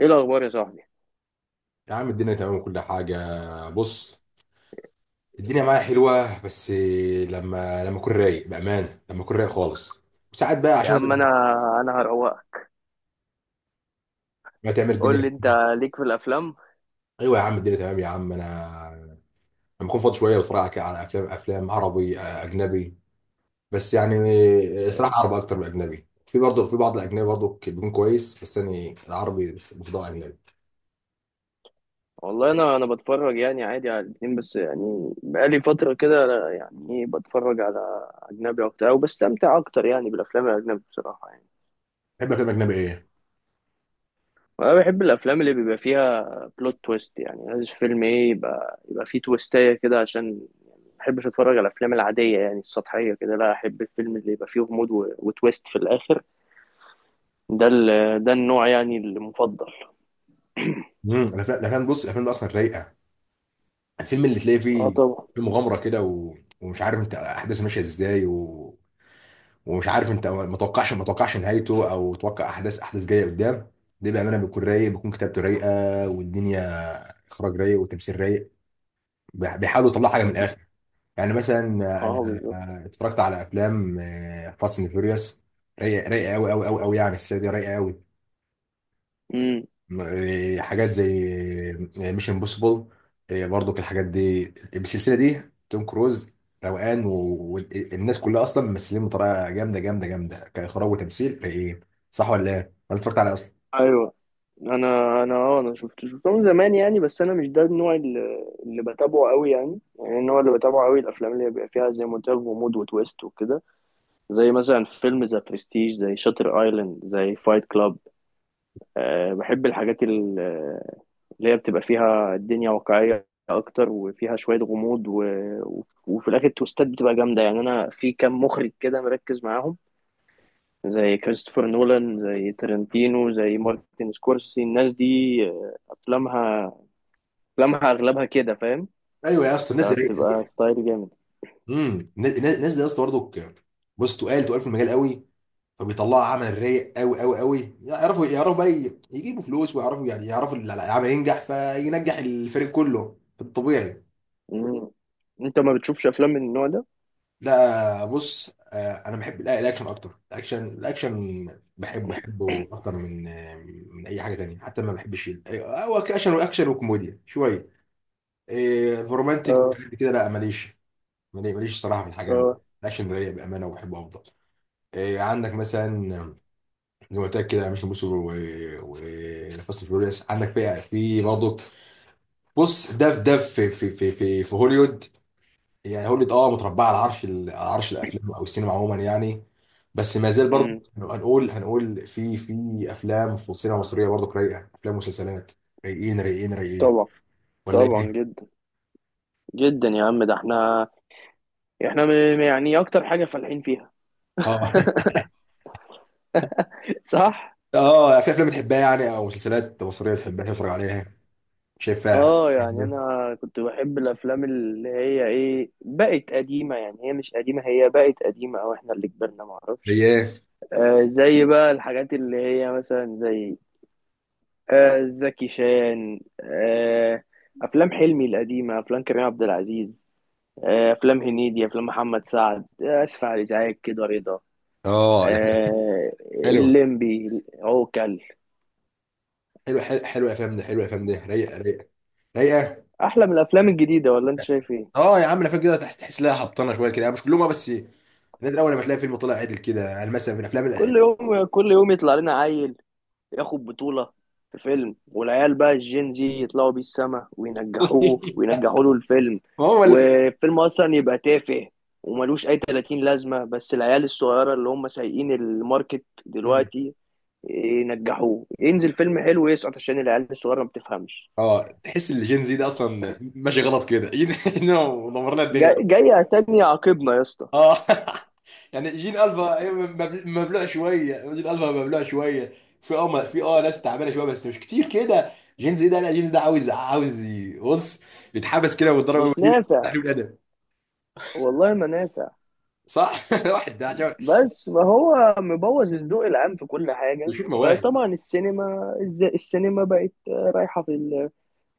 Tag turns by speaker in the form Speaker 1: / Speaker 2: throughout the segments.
Speaker 1: ايه الاخبار يا صاحبي؟
Speaker 2: يا عم، الدنيا تمام وكل حاجة. بص. الدنيا معايا حلوة، بس لما أكون رايق، بأمانة لما أكون رايق خالص، ساعات بقى،
Speaker 1: يا
Speaker 2: عشان
Speaker 1: عم انا هروقك.
Speaker 2: ما تعمل
Speaker 1: قول لي
Speaker 2: الدنيا.
Speaker 1: انت، ليك في الافلام؟
Speaker 2: أيوة يا عم، الدنيا تمام يا عم. أنا لما أكون فاضي شوية بتفرج على أفلام عربي، أجنبي. بس يعني، صراحة عربي أكتر من أجنبي. في برضه، في بعض الأجنبي برضه بيكون كويس، بس أنا العربي، بس بفضل أجنبي.
Speaker 1: والله انا بتفرج يعني عادي على الاتنين، بس يعني بقالي فتره كده يعني ايه، بتفرج على اجنبي اكتر او بستمتع اكتر يعني بالافلام الاجنبي بصراحه يعني.
Speaker 2: بحب أفلام أجنبي إيه؟
Speaker 1: وانا بحب الافلام اللي بيبقى فيها بلوت تويست، يعني لازم فيلم ايه يبقى فيه تويستايه كده، عشان يعني ما بحبش اتفرج على الافلام العاديه يعني السطحيه كده، لا، احب الفيلم اللي يبقى فيه غموض وتويست في الاخر. ده ده النوع يعني المفضل.
Speaker 2: بص، الأفلام دي أصلا رايقة. الفيلم اللي تلاقي
Speaker 1: اه
Speaker 2: فيه
Speaker 1: طبعا.
Speaker 2: في مغامرة كده، و... ومش عارف انت احداث ماشيه ازاي، و... ومش عارف انت، ما توقعش نهايته او توقع احداث جايه قدام. ده بامانه بيكون رايق، بيكون كتابته رايقه والدنيا، اخراج رايق وتمثيل رايق. بيحاولوا يطلعوا حاجه من الاخر. يعني مثلا، انا
Speaker 1: اه بالظبط.
Speaker 2: اتفرجت على افلام فاست اند فيوريوس. رايقه رايقه قوي قوي قوي قوي، يعني السنه دي رايقه قوي.
Speaker 1: امم.
Speaker 2: حاجات زي مش امبوسيبل، برضو الحاجات دي، بالسلسله دي، توم كروز، روقان والناس كلها اصلا ممثلين بطريقه جامده جامده جامده كاخراج وتمثيل ايه. صح ولا ايه؟ ولا اتفرجت عليه اصلا؟
Speaker 1: ايوه. انا شفت شفته من زمان يعني، بس انا مش ده النوع اللي بتابعه قوي يعني، يعني النوع اللي بتابعه قوي الافلام اللي بيبقى فيها زي ما قلت لك غموض وتويست وكده، زي مثلا فيلم ذا برستيج، زي شاتر ايلاند، زي فايت كلاب. أه بحب الحاجات اللي هي بتبقى فيها الدنيا واقعية اكتر، وفيها شوية غموض وفي الاخر التويستات بتبقى جامدة. يعني انا في كام مخرج كده مركز معاهم، زي كريستوفر نولان، زي ترنتينو، زي مارتن سكورسي، الناس دي افلامها، افلامها اغلبها كده، فاهم؟
Speaker 2: ايوه يا اسطى، الناس دي رايقه.
Speaker 1: فبتبقى ستايل جامد.
Speaker 2: الناس دي يا اسطى برضو، بص، تقال في المجال قوي، فبيطلعوا عمل رايق قوي قوي قوي، يعرفوا بقى يجيبوا فلوس، ويعرفوا يعني يعرفوا العمل ينجح، فينجح الفريق كله في الطبيعي.
Speaker 1: مم. انت ما بتشوفش افلام من النوع ده؟
Speaker 2: لا بص، انا بحب، لا، الاكشن اكتر، الاكشن الاكشن. بحبه اكتر من، من اي حاجه تانية. حتى ما بحبش هو اكشن واكشن وكوميديا شويه. رومانتك
Speaker 1: اه.
Speaker 2: وحاجات كده لا ماليش، ماليش الصراحه في الحاجات دي.
Speaker 1: اه.
Speaker 2: الاكشن ده ليا بامانه، وبحبه افضل. عندك مثلا زي ما قلت لك كده مش موسو، وفاست فيوريوس عندك، في برضه. بص، ده في هوليوود. يعني هوليوود، اه متربعه على عرش الافلام او السينما عموما يعني. بس ما زال برضه،
Speaker 1: امم.
Speaker 2: هنقول في افلام في السينما المصريه برضه رايقه، افلام ومسلسلات رايقين رايقين رايقين،
Speaker 1: طبعا.
Speaker 2: ولا
Speaker 1: طبعا
Speaker 2: ايه؟
Speaker 1: جدا، جدا يا عم. ده احنا احنا يعني اكتر حاجة فالحين فيها.
Speaker 2: اه.
Speaker 1: صح.
Speaker 2: اه، في افلام بتحبها يعني او مسلسلات مصريه بتحبها تتفرج عليها شايفها؟
Speaker 1: اه يعني انا كنت بحب الافلام اللي هي ايه، بقت قديمة، يعني هي مش قديمة، هي بقت قديمة او احنا اللي كبرنا،
Speaker 2: زي
Speaker 1: معرفش.
Speaker 2: ايه؟
Speaker 1: آه زي بقى الحاجات اللي هي مثلا زي، آه زكي شان، آه افلام حلمي القديمه، افلام كريم عبد العزيز، آه افلام هنيدي، افلام محمد سعد. آه اسف على الازعاج كده رضا.
Speaker 2: اه، الافلام
Speaker 1: آه
Speaker 2: حلوه
Speaker 1: الليمبي، عوكل.
Speaker 2: حلوه حلوه حلوه، الافلام دي حلوه، الافلام دي رايقه رايقه رايقه.
Speaker 1: احلى من الافلام الجديده ولا انت شايف ايه؟
Speaker 2: اه يا عم، الافلام كده تحس لها هبطانه شويه كده يعني، مش كلهم. بس نادر اول لما تلاقي فيلم طلع عدل كده، يعني مثلا من الافلام.
Speaker 1: كل يوم، كل يوم يطلع لنا عيل ياخد بطولة في فيلم، والعيال بقى الجين زي يطلعوا بيه السما وينجحوه وينجحوا له الفيلم،
Speaker 2: ما هو ال...
Speaker 1: والفيلم أصلا يبقى تافه وملوش أي 30 لازمة، بس العيال الصغيرة اللي هم سايقين الماركت دلوقتي ينجحوه. ينزل فيلم حلو يسقط عشان العيال الصغيرة ما بتفهمش.
Speaker 2: اه، تحس ان الجين زي ده اصلا ماشي غلط كده. جين دمر لنا الدنيا.
Speaker 1: جاي جاي عتاني عاقبنا يا اسطى.
Speaker 2: اه. يعني جين الفا مبلوع شويه. في ناس تعبانه شويه، بس مش كتير كده. جين زي ده، لا جين زي ده عاوز بص، يتحبس كده ويتضرب اول
Speaker 1: مش
Speaker 2: جيل.
Speaker 1: نافع،
Speaker 2: تحريم الادب.
Speaker 1: والله ما نافع.
Speaker 2: صح. واحد ده عشان
Speaker 1: بس ما هو مبوظ الذوق العام في كل حاجة.
Speaker 2: بيشوف مواهب.
Speaker 1: فطبعا السينما السينما بقت رايحة في ال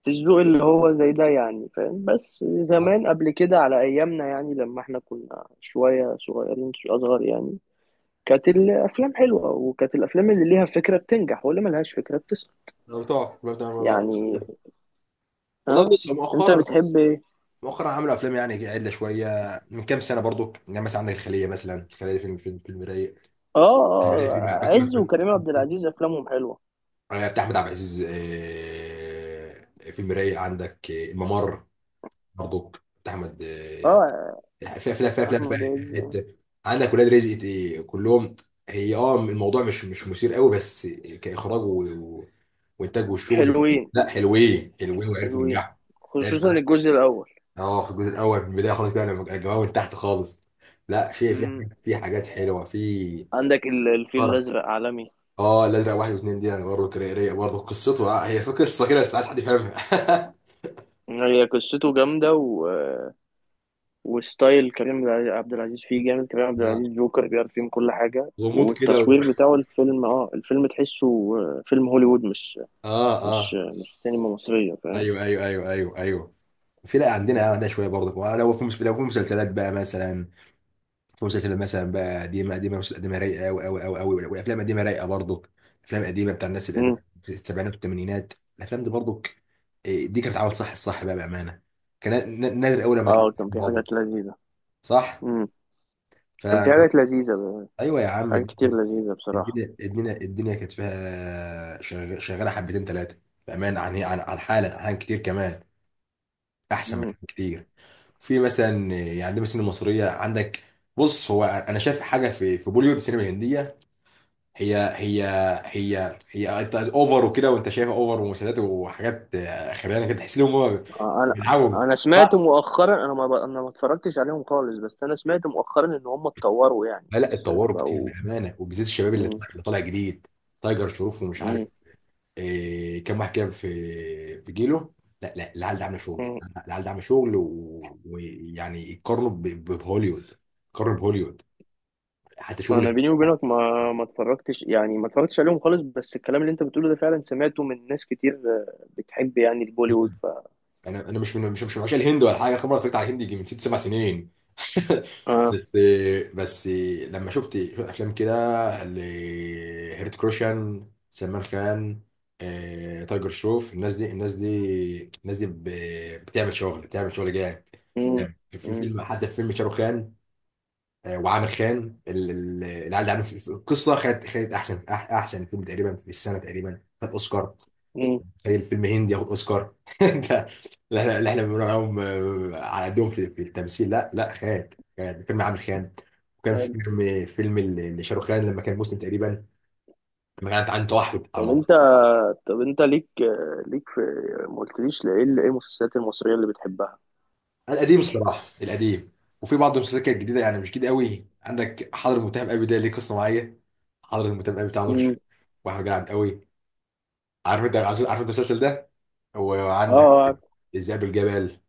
Speaker 1: الذوق اللي هو زي ده يعني، فاهم؟ بس زمان قبل كده على ايامنا يعني، لما احنا كنا شويه صغيرين، شويه اصغر يعني، كانت الافلام حلوه، وكانت الافلام اللي ليها فكره بتنجح واللي ملهاش فكره بتسقط
Speaker 2: بتوع بتوع-
Speaker 1: يعني.
Speaker 2: والله
Speaker 1: ها،
Speaker 2: بص،
Speaker 1: انت
Speaker 2: مؤخرا
Speaker 1: بتحب ايه؟
Speaker 2: مؤخرا عملوا افلام يعني عدله شويه، من كام سنه برضو. يعني مثلا عندك الخليه، مثلا الخليه دي فيلم رايق.
Speaker 1: اه.
Speaker 2: فيلم رايق، فيلم
Speaker 1: اه عز
Speaker 2: باتمان،
Speaker 1: وكريم عبد العزيز افلامهم حلوه.
Speaker 2: بتاع احمد عبد العزيز. فيلم رايق. عندك الممر برضو، بتاع احمد.
Speaker 1: اه
Speaker 2: في افلام في
Speaker 1: احمد عز.
Speaker 2: حته، عندك ولاد رزق، كلهم. هي اه، الموضوع مش مثير قوي، بس كاخراج و- وانتاج والشغل.
Speaker 1: حلوين،
Speaker 2: لا حلوين حلوين، وعرفوا
Speaker 1: حلوين،
Speaker 2: ينجحوا.
Speaker 1: خصوصا الجزء الاول.
Speaker 2: اه، في الجزء الاول، في البدايه خالص كده لما كان الجماعه من تحت خالص. لا، في
Speaker 1: امم.
Speaker 2: حاجات حلوه في.
Speaker 1: عندك الفيل
Speaker 2: طرب.
Speaker 1: الازرق عالمي.
Speaker 2: اه، الازرق 1 و2 دي انا برضه رايق، برضه قصته، هي في قصه كده، بس عايز حد يفهمها.
Speaker 1: هي قصته جامده، و وستايل كريم عبد العزيز فيه جامد، كريم عبد
Speaker 2: آه،
Speaker 1: العزيز جوكر بيعرف يعمل كل حاجة،
Speaker 2: غموض كده و...
Speaker 1: والتصوير بتاعه الفيلم، اه الفيلم تحسه آه، فيلم هوليوود، مش
Speaker 2: اه.
Speaker 1: مش
Speaker 2: اه.
Speaker 1: مش سينما مصرية، فاهم؟
Speaker 2: ايوه ايوه ايوه ايوه ايوه. في. لا عندنا، عندنا شويه برضه. لو في مسلسلات بقى مثلا، مسلسل مثلا بقى قديمه قديمه، مسلسلات قديمه رايقه قوي قوي قوي قوي، وافلام قديمه رايقه برضه، افلام قديمه بتاع الناس القديمه،
Speaker 1: مم.
Speaker 2: في السبعينات والثمانينات. الافلام دي برضه، دي كانت عامل صح، الصح بقى بامانه. كان نادر اول لما تلاقي
Speaker 1: اه كان
Speaker 2: فيلم
Speaker 1: في
Speaker 2: هابط.
Speaker 1: حاجات لذيذة.
Speaker 2: صح.
Speaker 1: مم.
Speaker 2: ف
Speaker 1: كان في حاجات لذيذة
Speaker 2: ايوه يا عم،
Speaker 1: حاجات كتير لذيذة بصراحة.
Speaker 2: الدنيا كانت فيها شغاله حبتين ثلاثه، بامانه عن حالا كتير كمان، احسن من
Speaker 1: مم.
Speaker 2: حاجات كتير. في مثلا، يعني دي مثلا المصريه عندك. بص، هو انا شايف حاجه في بوليوود، السينما الهنديه. هي هي انت اوفر وكده، وانت شايفها اوفر ومسلسلات وحاجات، خيرانه كده، تحس لهم هم
Speaker 1: آه، انا
Speaker 2: بيلعبوا.
Speaker 1: انا مؤخرا، انا ما اتفرجتش عليهم خالص، بس انا سمعت مؤخرا ان هم اتطوروا يعني،
Speaker 2: لا لا،
Speaker 1: بس
Speaker 2: اتطوروا كتير
Speaker 1: بقوا.
Speaker 2: بامانه، وبالذات الشباب اللي
Speaker 1: مم.
Speaker 2: طالع، جديد تايجر شروف، ومش عارف كام واحد كده في جيله. لا لا، العيال ده عامله شغل.
Speaker 1: مم.
Speaker 2: العيال ده عامله شغل ويعني يقارنوا بهوليوود، يقارنوا بهوليوود، حتى شغل.
Speaker 1: انا بيني وبينك ما اتفرجتش يعني، ما اتفرجتش عليهم خالص، بس الكلام اللي انت بتقوله ده فعلا سمعته من ناس كتير آه، بتحب يعني البوليوود، ف
Speaker 2: انا مش من، مش من، عشان الهند ولا حاجه. خبره اتفرجت على الهندي يجي من 6 7 سنين.
Speaker 1: اه.
Speaker 2: بس، بس لما شفت افلام كده لهيرت كروشان، سلمان خان، تايجر شروف، الناس دي الناس دي الناس دي بتعمل شغل، بتعمل شغل جامد.
Speaker 1: امم.
Speaker 2: في
Speaker 1: امم.
Speaker 2: فيلم، حتى في فيلم شاروخ خان، وعامر خان. العيال ده عامل القصه، خدت احسن احسن فيلم تقريبا في السنه، تقريبا خد اوسكار.
Speaker 1: امم.
Speaker 2: زي الفيلم هندي ياخد اوسكار! ده لا، احنا بنقول عليهم على قدهم في التمثيل. لا لا خان، كان فيلم عامل خان، وكان
Speaker 1: حلو.
Speaker 2: فيلم لشاروخ خان لما كان مسلم تقريبا، لما كانت عنده توحد على
Speaker 1: طب
Speaker 2: الموضوع.
Speaker 1: انت، طب انت ليك آه، ليك في، ما قلتليش ايه المسلسلات المصرية اللي بتحبها؟
Speaker 2: القديم الصراحه، القديم. وفي بعض المسلسلات كانت جديده، يعني مش جديده قوي. عندك حضر المتهم قوي، ده ليه قصه معايا. حضر المتهم قوي بتاع نور
Speaker 1: امم.
Speaker 2: الشريف واحمد جلعد قوي. عارف انت المسلسل ده. وعندك
Speaker 1: اه عارف.
Speaker 2: ذئاب الجبل،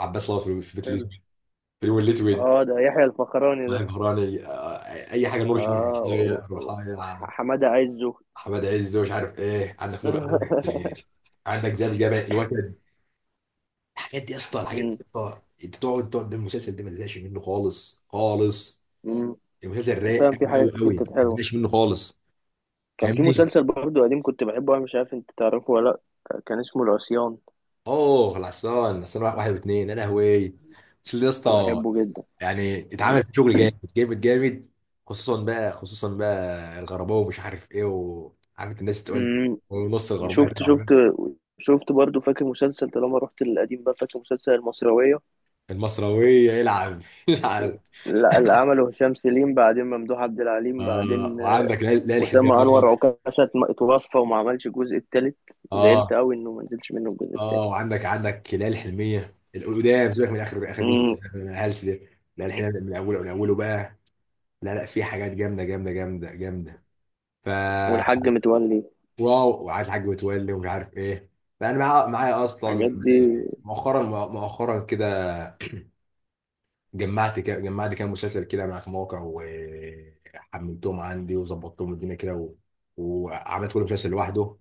Speaker 2: عباس الله، في بيت
Speaker 1: حلو.
Speaker 2: الاسود، في اليوم الاسود.
Speaker 1: اه ده يحيى الفخراني
Speaker 2: يا
Speaker 1: ده.
Speaker 2: بهراني، اي حاجه، نور الشريف،
Speaker 1: اه
Speaker 2: رحايا،
Speaker 1: حمادة عزه.
Speaker 2: حماد عز، ومش عارف ايه. عندك نور، عندك عندك زي الجبل، الوتد. الحاجات دي يا اسطى، الحاجات دي
Speaker 1: امم.
Speaker 2: يا اسطى، انت تقعد، ده المسلسل ده ما تزهقش منه خالص خالص.
Speaker 1: امم.
Speaker 2: المسلسل رايق
Speaker 1: فاهم، في
Speaker 2: قوي قوي
Speaker 1: حاجات كتير
Speaker 2: قوي،
Speaker 1: كانت
Speaker 2: ما
Speaker 1: حلوة.
Speaker 2: تزهقش منه خالص.
Speaker 1: كان في
Speaker 2: فاهمني.
Speaker 1: مسلسل برضه قديم كنت بحبه أنا، مش عارف أنت تعرفه ولا، لأ كان اسمه العصيان،
Speaker 2: اوه، العصيان واحد واثنين، يا لهوي. بس ده يا
Speaker 1: كنت
Speaker 2: اسطى،
Speaker 1: بحبه جدا.
Speaker 2: يعني اتعمل في شغل جامد جامد جامد. خصوصا بقى الغرباوي، ومش عارف ايه، وعارف الناس تقول،
Speaker 1: امم.
Speaker 2: ونص الغربيه ده
Speaker 1: شفت
Speaker 2: عمال.
Speaker 1: شفت، شفت برضه فاكر مسلسل، طالما رحت للقديم بقى، فاكر مسلسل المصراوية؟
Speaker 2: المصراويه يلعب. يلعب.
Speaker 1: لا اللي عمله هشام سليم بعدين ممدوح عبد العليم،
Speaker 2: اه،
Speaker 1: بعدين
Speaker 2: وعندك ليالي الحلميه
Speaker 1: أسامة
Speaker 2: برضه.
Speaker 1: أنور عكاشة اتوفى وما عملش الجزء التالت، زعلت
Speaker 2: اه.
Speaker 1: أوي إنه ما نزلش منه الجزء التالت.
Speaker 2: اه، وعندك ليالي الحلميه القدام، سيبك من اخر جزء،
Speaker 1: امم.
Speaker 2: الهلس ده. ليالي الحلميه من اوله بقى، لا لا، في حاجات جامده جامده جامده جامده. ف
Speaker 1: والحاج متولي،
Speaker 2: واو، وعايز حاج متولي، ومش عارف ايه. فانا معايا اصلا
Speaker 1: الحاجات دي.
Speaker 2: مؤخرا كده، جمعت كام مسلسل كده مع مواقع، وحملتهم عندي وظبطتهم الدنيا كده، و... وعملت كل مسلسل لوحده.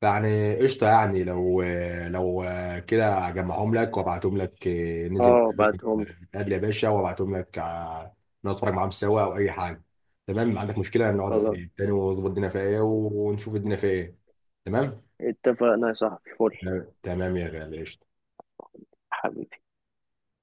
Speaker 2: فيعني قشطه يعني، لو كده اجمعهم لك وابعتهم لك، ننزل
Speaker 1: اه بعتهم لي.
Speaker 2: نتقابل يا باشا، وابعتهم لك نقعد نتفرج معاهم سوا او اي حاجه. تمام؟ عندك مشكله،
Speaker 1: خلاص،
Speaker 2: نقعد تاني ونظبط الدنيا فيها ايه ونشوف الدنيا فيها ايه. تمام.
Speaker 1: اتفقنا يا صاحبي، فل.
Speaker 2: تمام يا غالي، قشطة.
Speaker 1: حبيبي.